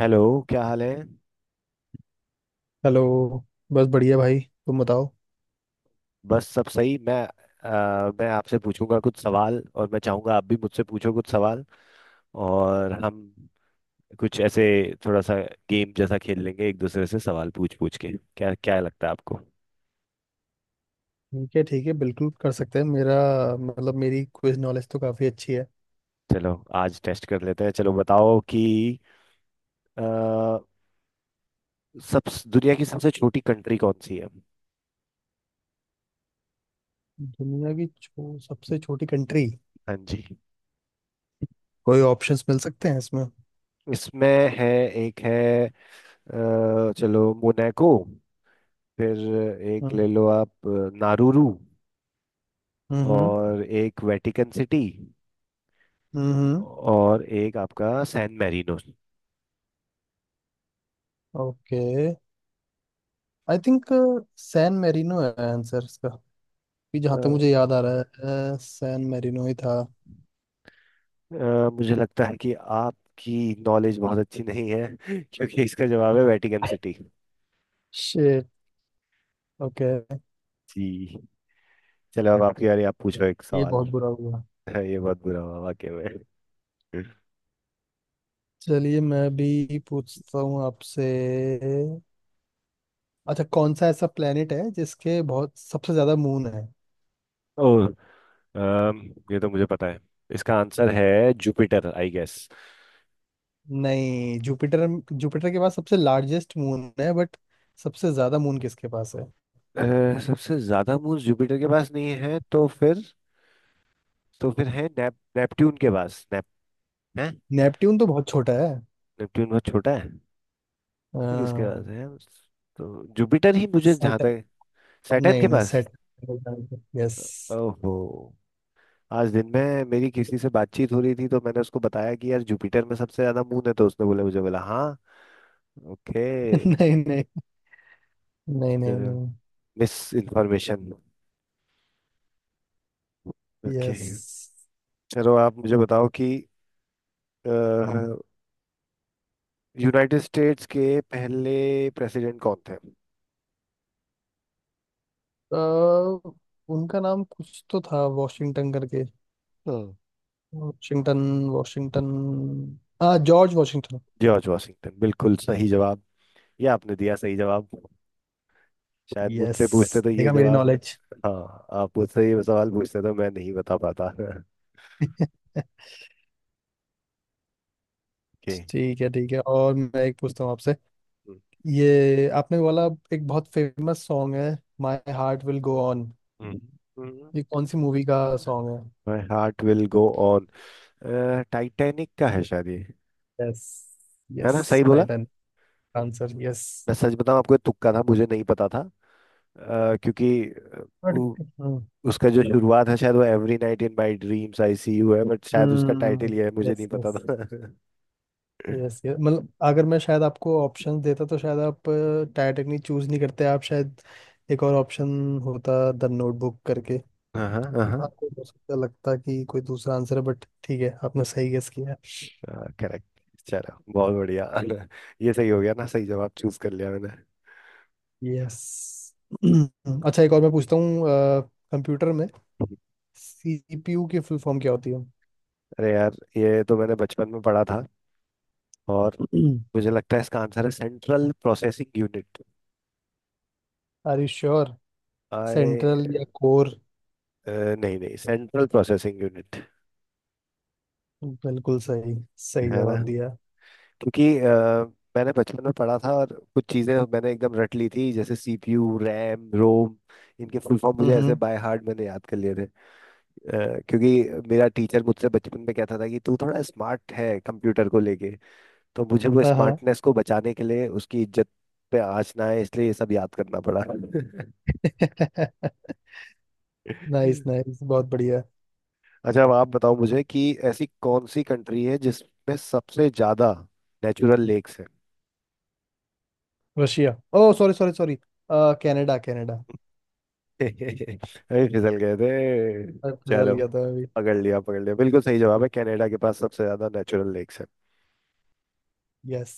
Hello. क्या हाल है। हेलो। बस बढ़िया भाई, तुम बताओ। बस सब सही। मैं मैं आपसे पूछूंगा कुछ सवाल और मैं चाहूंगा आप भी मुझसे पूछो कुछ सवाल। और हम कुछ ऐसे थोड़ा सा गेम जैसा खेल लेंगे एक दूसरे से सवाल पूछ पूछ के। क्या क्या लगता है आपको। ठीक है बिल्कुल कर सकते हैं। मेरा मतलब मेरी क्विज नॉलेज तो काफ़ी अच्छी है। चलो आज टेस्ट कर लेते हैं। चलो बताओ कि अ, सब दुनिया की सबसे छोटी कंट्री कौन सी है। सबसे छोटी कंट्री, हाँ जी। कोई ऑप्शंस मिल सकते हैं इसमें? इसमें है एक है। चलो मोनाको। फिर एक हम्म ले लो आप। नारुरू। हम्म और एक वेटिकन सिटी। हम्म, और एक आपका San Marino. Okay, I think San Marino है आंसर इसका। कि जहाँ तक अ, मुझे याद आ रहा है, सैन मेरिनो ही था। मुझे लगता है कि आपकी नॉलेज बहुत अच्छी नहीं है क्योंकि इसका जवाब है वेटिकन सिटी। शिट। ओके। जी। चलो अब आपकी बारी, आप पूछो एक ये सवाल। बहुत बुरा हुआ। ये बहुत बुरा हुआ वाकई में। चलिए मैं भी पूछता हूँ आपसे। अच्छा कौन सा ऐसा प्लेनेट है जिसके बहुत सबसे ज्यादा मून है? ओह। अम, ये तो मुझे पता है, इसका आंसर है जुपिटर आई गेस। नहीं, जुपिटर, जुपिटर के पास सबसे लार्जेस्ट मून है, बट सबसे ज्यादा मून किसके पास है? सबसे ज्यादा मून जुपिटर के पास नहीं है तो फिर, तो फिर है नेपट्यून के पास। नेप है। नेपट्यून तो बहुत छोटा है। नेपट्यून बहुत छोटा है। ये किसके आ, पास है। तो जुपिटर ही, मुझे जहाँ सेट, तक, सैटर्न नहीं के नहीं, पास। Set, yes. ओहो। आज दिन में मेरी किसी से बातचीत हो रही थी तो मैंने उसको बताया कि यार जुपिटर में सबसे ज्यादा मून है तो उसने बोला, मुझे बोला हाँ। ओके। नहीं नहीं नहीं, नहीं चलो। नहीं। Misinformation. ओके। यस। चलो आप मुझे बताओ कि अ, यूनाइटेड स्टेट्स के पहले प्रेसिडेंट कौन थे। तो उनका नाम कुछ तो था, वॉशिंगटन करके। हाँ, वॉशिंगटन, वॉशिंगटन, हाँ जॉर्ज वॉशिंगटन। जॉर्ज वॉशिंगटन, बिल्कुल सही जवाब। ये आपने दिया सही जवाब। शायद यस, मुझसे पूछते तो ये देखा मेरी जवाब, नॉलेज। हाँ, आप मुझसे ये सवाल पूछते तो मैं नहीं बता पाता। ओके। ठीक है और मैं एक पूछता हूँ आपसे। ये आपने बोला, एक बहुत फेमस सॉन्ग है, my heart will go on, ये कौन सी मूवी का song my heart will go on, Titanic का है शायद ये। है? यस है यस। ना, सही बोला। Pattern answer. यस, मैं सच बताऊं आपको, ये तुक्का था, मुझे नहीं पता था। क्योंकि बट उ, उसका जो शुरुआत है शायद वो every night in my dreams I see you है, बट शायद उसका हम्म। टाइटल ये है, मुझे नहीं यस पता यस। था। यस यस मतलब अगर मैं शायद आपको ऑप्शन देता तो शायद आप टाइटैनिक नहीं चूज नहीं करते आप शायद। एक और ऑप्शन होता द नोटबुक करके। हाँ। हाँ, आपको हो सकता लगता कि कोई दूसरा आंसर है, बट ठीक है, आपने सही गेस किया है। करेक्ट। चलो बहुत बढ़िया। ये सही हो गया ना, सही जवाब चूज कर लिया मैंने। यस। अच्छा एक और मैं पूछता हूँ, कंप्यूटर में सीपीयू की फुल फॉर्म क्या होती है? अरे यार ये तो मैंने बचपन में पढ़ा था और मुझे लगता है इसका आंसर है central processing unit. Are you sure? Central आए। या कोर? नहीं नहीं सेंट्रल प्रोसेसिंग यूनिट। बिल्कुल सही, सही है ना। जवाब दिया। क्योंकि मैंने बचपन में पढ़ा था और कुछ चीज़ें मैंने एकदम रट ली थी, जैसे सीपीयू, रैम, रोम, इनके फुल फॉर्म मुझे ऐसे हम्म। बाय हार्ट मैंने याद कर लिए थे। क्योंकि मेरा टीचर मुझसे बचपन में कहता था कि तू थोड़ा स्मार्ट है कंप्यूटर को लेके, तो मुझे वो हाँ हाँ। स्मार्टनेस को बचाने के लिए उसकी इज्जत पे आँच ना आए इसलिए ये सब याद करना पड़ा। अच्छा, नाइस नाइस, बहुत बढ़िया। अब आप बताओ मुझे कि ऐसी कौन सी कंट्री है जिसमें सबसे ज्यादा नेचुरल लेक्स है। Russia. Oh sorry sorry sorry, Canada Canada. अरे फिसल गए थे। फिसल चलो, गया था अभी। पकड़ लिया, पकड़ लिया, बिल्कुल सही जवाब है, कनाडा के पास सबसे ज्यादा नेचुरल लेक्स है। यस।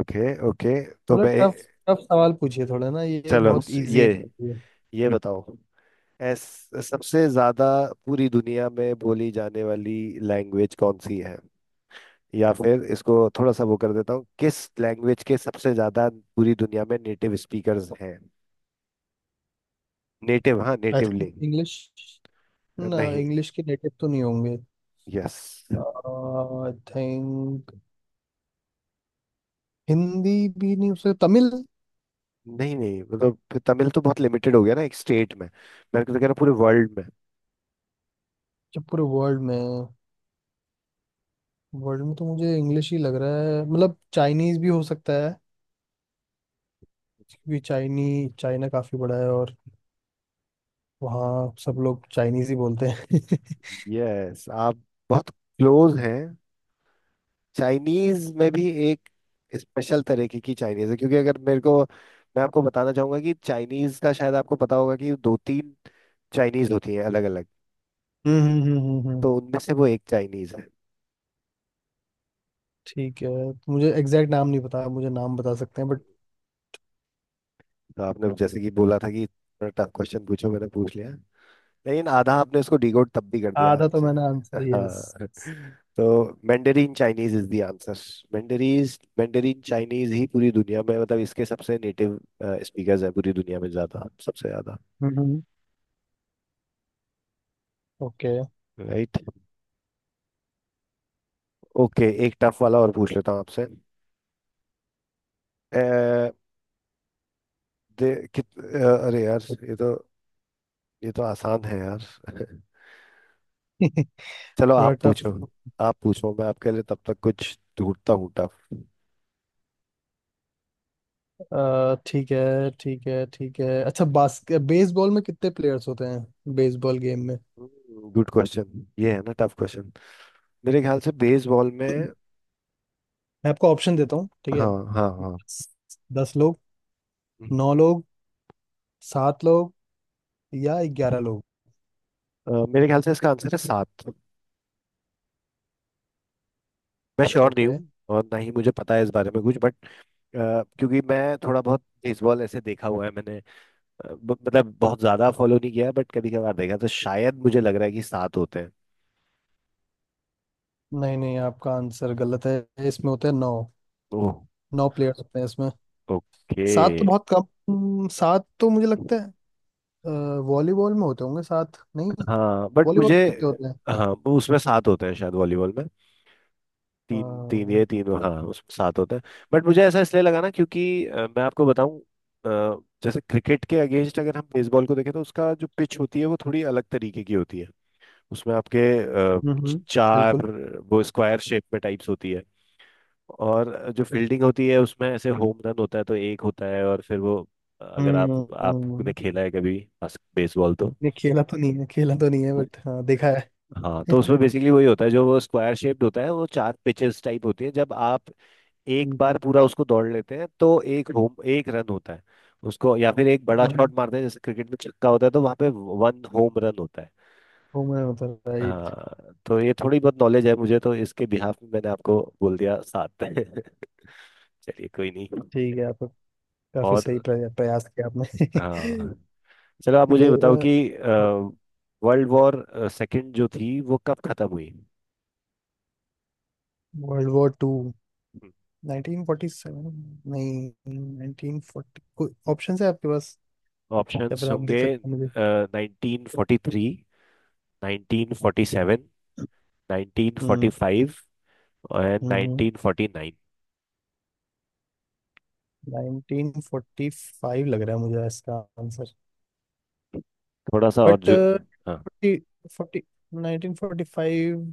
Okay okay. तो थोड़ा मैं टफ, टफ सवाल पूछिए थोड़ा ना, ये चलो बहुत इजी ये है। ये बताओ। एस, सबसे ज्यादा पूरी दुनिया में बोली जाने वाली लैंग्वेज कौन सी है, या फिर इसको थोड़ा सा वो कर देता हूँ, किस लैंग्वेज के सबसे ज्यादा पूरी दुनिया में नेटिव स्पीकर्स हैं। नेटिव, हाँ, आई नेटिव थिंक लिंग। इंग्लिश। ना, नहीं। इंग्लिश के नेटिव तो नहीं होंगे। यस। आई थिंक हिंदी, भी नहीं, उसे तमिल। नहीं नहीं मतलब तमिल तो बहुत लिमिटेड हो गया ना एक स्टेट में, मैं तो कह रहा हूँ पूरे वर्ल्ड में। जब पूरे वर्ल्ड में तो मुझे इंग्लिश ही लग रहा है, मतलब चाइनीज भी हो सकता है। क्योंकि चाइनी चाइना काफी बड़ा है और वहाँ सब लोग चाइनीज ही बोलते हैं। यस, आप बहुत क्लोज हैं। चाइनीज में भी एक स्पेशल तरीके की चाइनीज है, क्योंकि अगर मेरे को मैं आपको बताना चाहूंगा कि चाइनीज का, शायद आपको पता होगा कि दो तीन चाइनीज होती हैं अलग अलग, हम्म हम्म हम्म हम्म, हम्म। तो उनमें से वो एक चाइनीज है। ठीक है तो मुझे एग्जैक्ट नाम नहीं पता, मुझे नाम बता सकते हैं, बट तो आपने जैसे कि बोला था कि टफ क्वेश्चन पूछो, मैंने पूछ लिया, लेकिन आधा आपने उसको डिकोड तब भी कर दिया। आधा तो मैंने आंसर, हाँ, यस। तो Mandarin Chinese is the answer. Mandarin Mandarin Chinese ही पूरी दुनिया में, मतलब इसके सबसे नेटिव स्पीकर्स है पूरी दुनिया में ज्यादा, सबसे ज्यादा। हम्म। ओके। राइट। ओके, एक टफ वाला और पूछ लेता हूँ आपसे। अ, दे अरे यार ये तो, ये तो आसान है यार। चलो थोड़ा आप पूछो। टफ। आप पूछो, मैं आपके लिए तब तक कुछ ढूंढता हूँ टफ। ठीक है ठीक है ठीक है, अच्छा बास्केट बेसबॉल में कितने प्लेयर्स होते हैं, बेसबॉल गेम में? गुड क्वेश्चन, ये है ना टफ क्वेश्चन। मेरे ख्याल से बेसबॉल में, मैं आपको ऑप्शन देता हूँ, ठीक है? हाँ हाँ हाँ। दस लोग, हम्म। नौ लोग, सात लोग, या ग्यारह लोग? मेरे ख्याल से इसका आंसर है सात। मैं श्योर नहीं ओके, हूँ और ना ही मुझे पता है इस बारे में कुछ, बट क्योंकि मैं थोड़ा बहुत बेसबॉल ऐसे देखा हुआ है मैंने। मतलब बहुत ज्यादा फॉलो नहीं किया, बट कभी कभार देखा तो शायद मुझे लग रहा है कि सात होते हैं। नहीं नहीं, आपका आंसर गलत है, इसमें होते हैं नौ, ओह। नौ प्लेयर्स होते हैं इसमें। ओके। सात तो बहुत कम। सात तो मुझे लगता है अ, वॉलीबॉल में होते होंगे सात, नहीं? हाँ बट वॉलीबॉल मुझे, में कितने होते हैं? हाँ, उसमें सात होते हैं शायद, वॉलीबॉल में अ, तीन तीन, ये तीन, हाँ, उसमें सात होता है। बट मुझे ऐसा इसलिए लगा ना, क्योंकि मैं आपको बताऊं, जैसे क्रिकेट के अगेंस्ट अगर हम बेसबॉल को देखें तो उसका जो पिच होती है वो थोड़ी अलग तरीके की होती है। उसमें आपके अ, हम्म हम्म, चार, बिल्कुल। वो स्क्वायर शेप में टाइप्स होती है, और जो फील्डिंग होती है उसमें ऐसे होम रन होता है तो एक होता है, और फिर वो, अगर आप, हम्म आपने हम्म, खेला है कभी बेसबॉल तो, नहीं खेला तो नहीं है, खेला तो नहीं है बट हाँ देखा है। हाँ, तो उसमें बेसिकली वही होता है, जो वो स्क्वायर शेप्ड होता है वो चार पिचेस टाइप होती है, जब आप एक बार हम्म। पूरा उसको दौड़ लेते हैं तो एक होम, एक रन होता है उसको, या फिर एक बड़ा हम्म, शॉट मारते हैं जैसे क्रिकेट में छक्का होता है तो वहां पे वन होम रन होता है। होमर होता है, राइट। हाँ, तो ये थोड़ी बहुत नॉलेज है मुझे, तो इसके बिहाफ में मैंने आपको बोल दिया सात। चलिए कोई नहीं। ठीक है आप काफी सही और प्रयास किया आपने। हाँ, चलो आप ठीक मुझे है। बताओ कि वर्ल्ड वॉर सेकंड जो थी वो कब खत्म हुई। वर्ल्ड वॉर टू, 1947, नहीं, 1940, कोई ऑप्शन है आपके पास या ऑप्शंस फिर आप दे होंगे, सकते हैं मुझे? Nineteen forty three, nineteen forty seven, nineteen forty hmm. Five, और हम्म। Nineteen forty nine. 1945 लग रहा है मुझे इसका आंसर। थोड़ा सा और बट जो, हाँ, फोर्टी, फोर्टी, 1945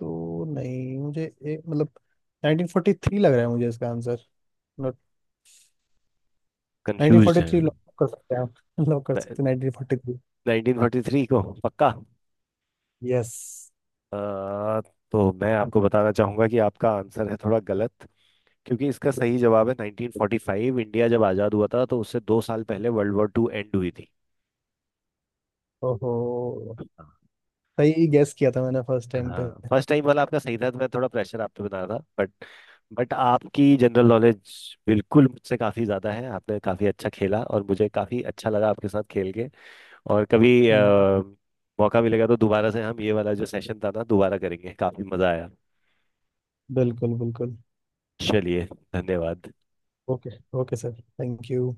तो नहीं, मुझे एक मतलब 1943 लग रहा है मुझे इसका आंसर, मतलब कंफ्यूज है। 1943 लॉक कर सकते हैं आप। लॉक कर सकते हैं 1943। नाइनटीन फोर्टी थ्री को पक्का। यस। अ, तो मैं आपको बताना चाहूंगा कि आपका आंसर है थोड़ा गलत, क्योंकि इसका सही जवाब है 1945, इंडिया जब आज़ाद हुआ था तो उससे दो साल पहले वर्ल्ड वॉर टू एंड हुई थी। ओहो, हाँ। सही गैस किया था मैंने फर्स्ट टाइम पे। हाँ, फर्स्ट टाइम वाला आपका सही था, तो मैं थोड़ा प्रेशर आप पे बना रहा था, बट आपकी जनरल नॉलेज बिल्कुल मुझसे काफ़ी ज़्यादा है, आपने काफ़ी अच्छा खेला और मुझे काफ़ी अच्छा लगा आपके साथ खेल के। और कभी हम्म, मौका मिलेगा तो दोबारा से हम ये वाला जो सेशन था ना दोबारा करेंगे, काफ़ी मज़ा आया। बिल्कुल बिल्कुल। चलिए, धन्यवाद। Okay, okay sir, thank you.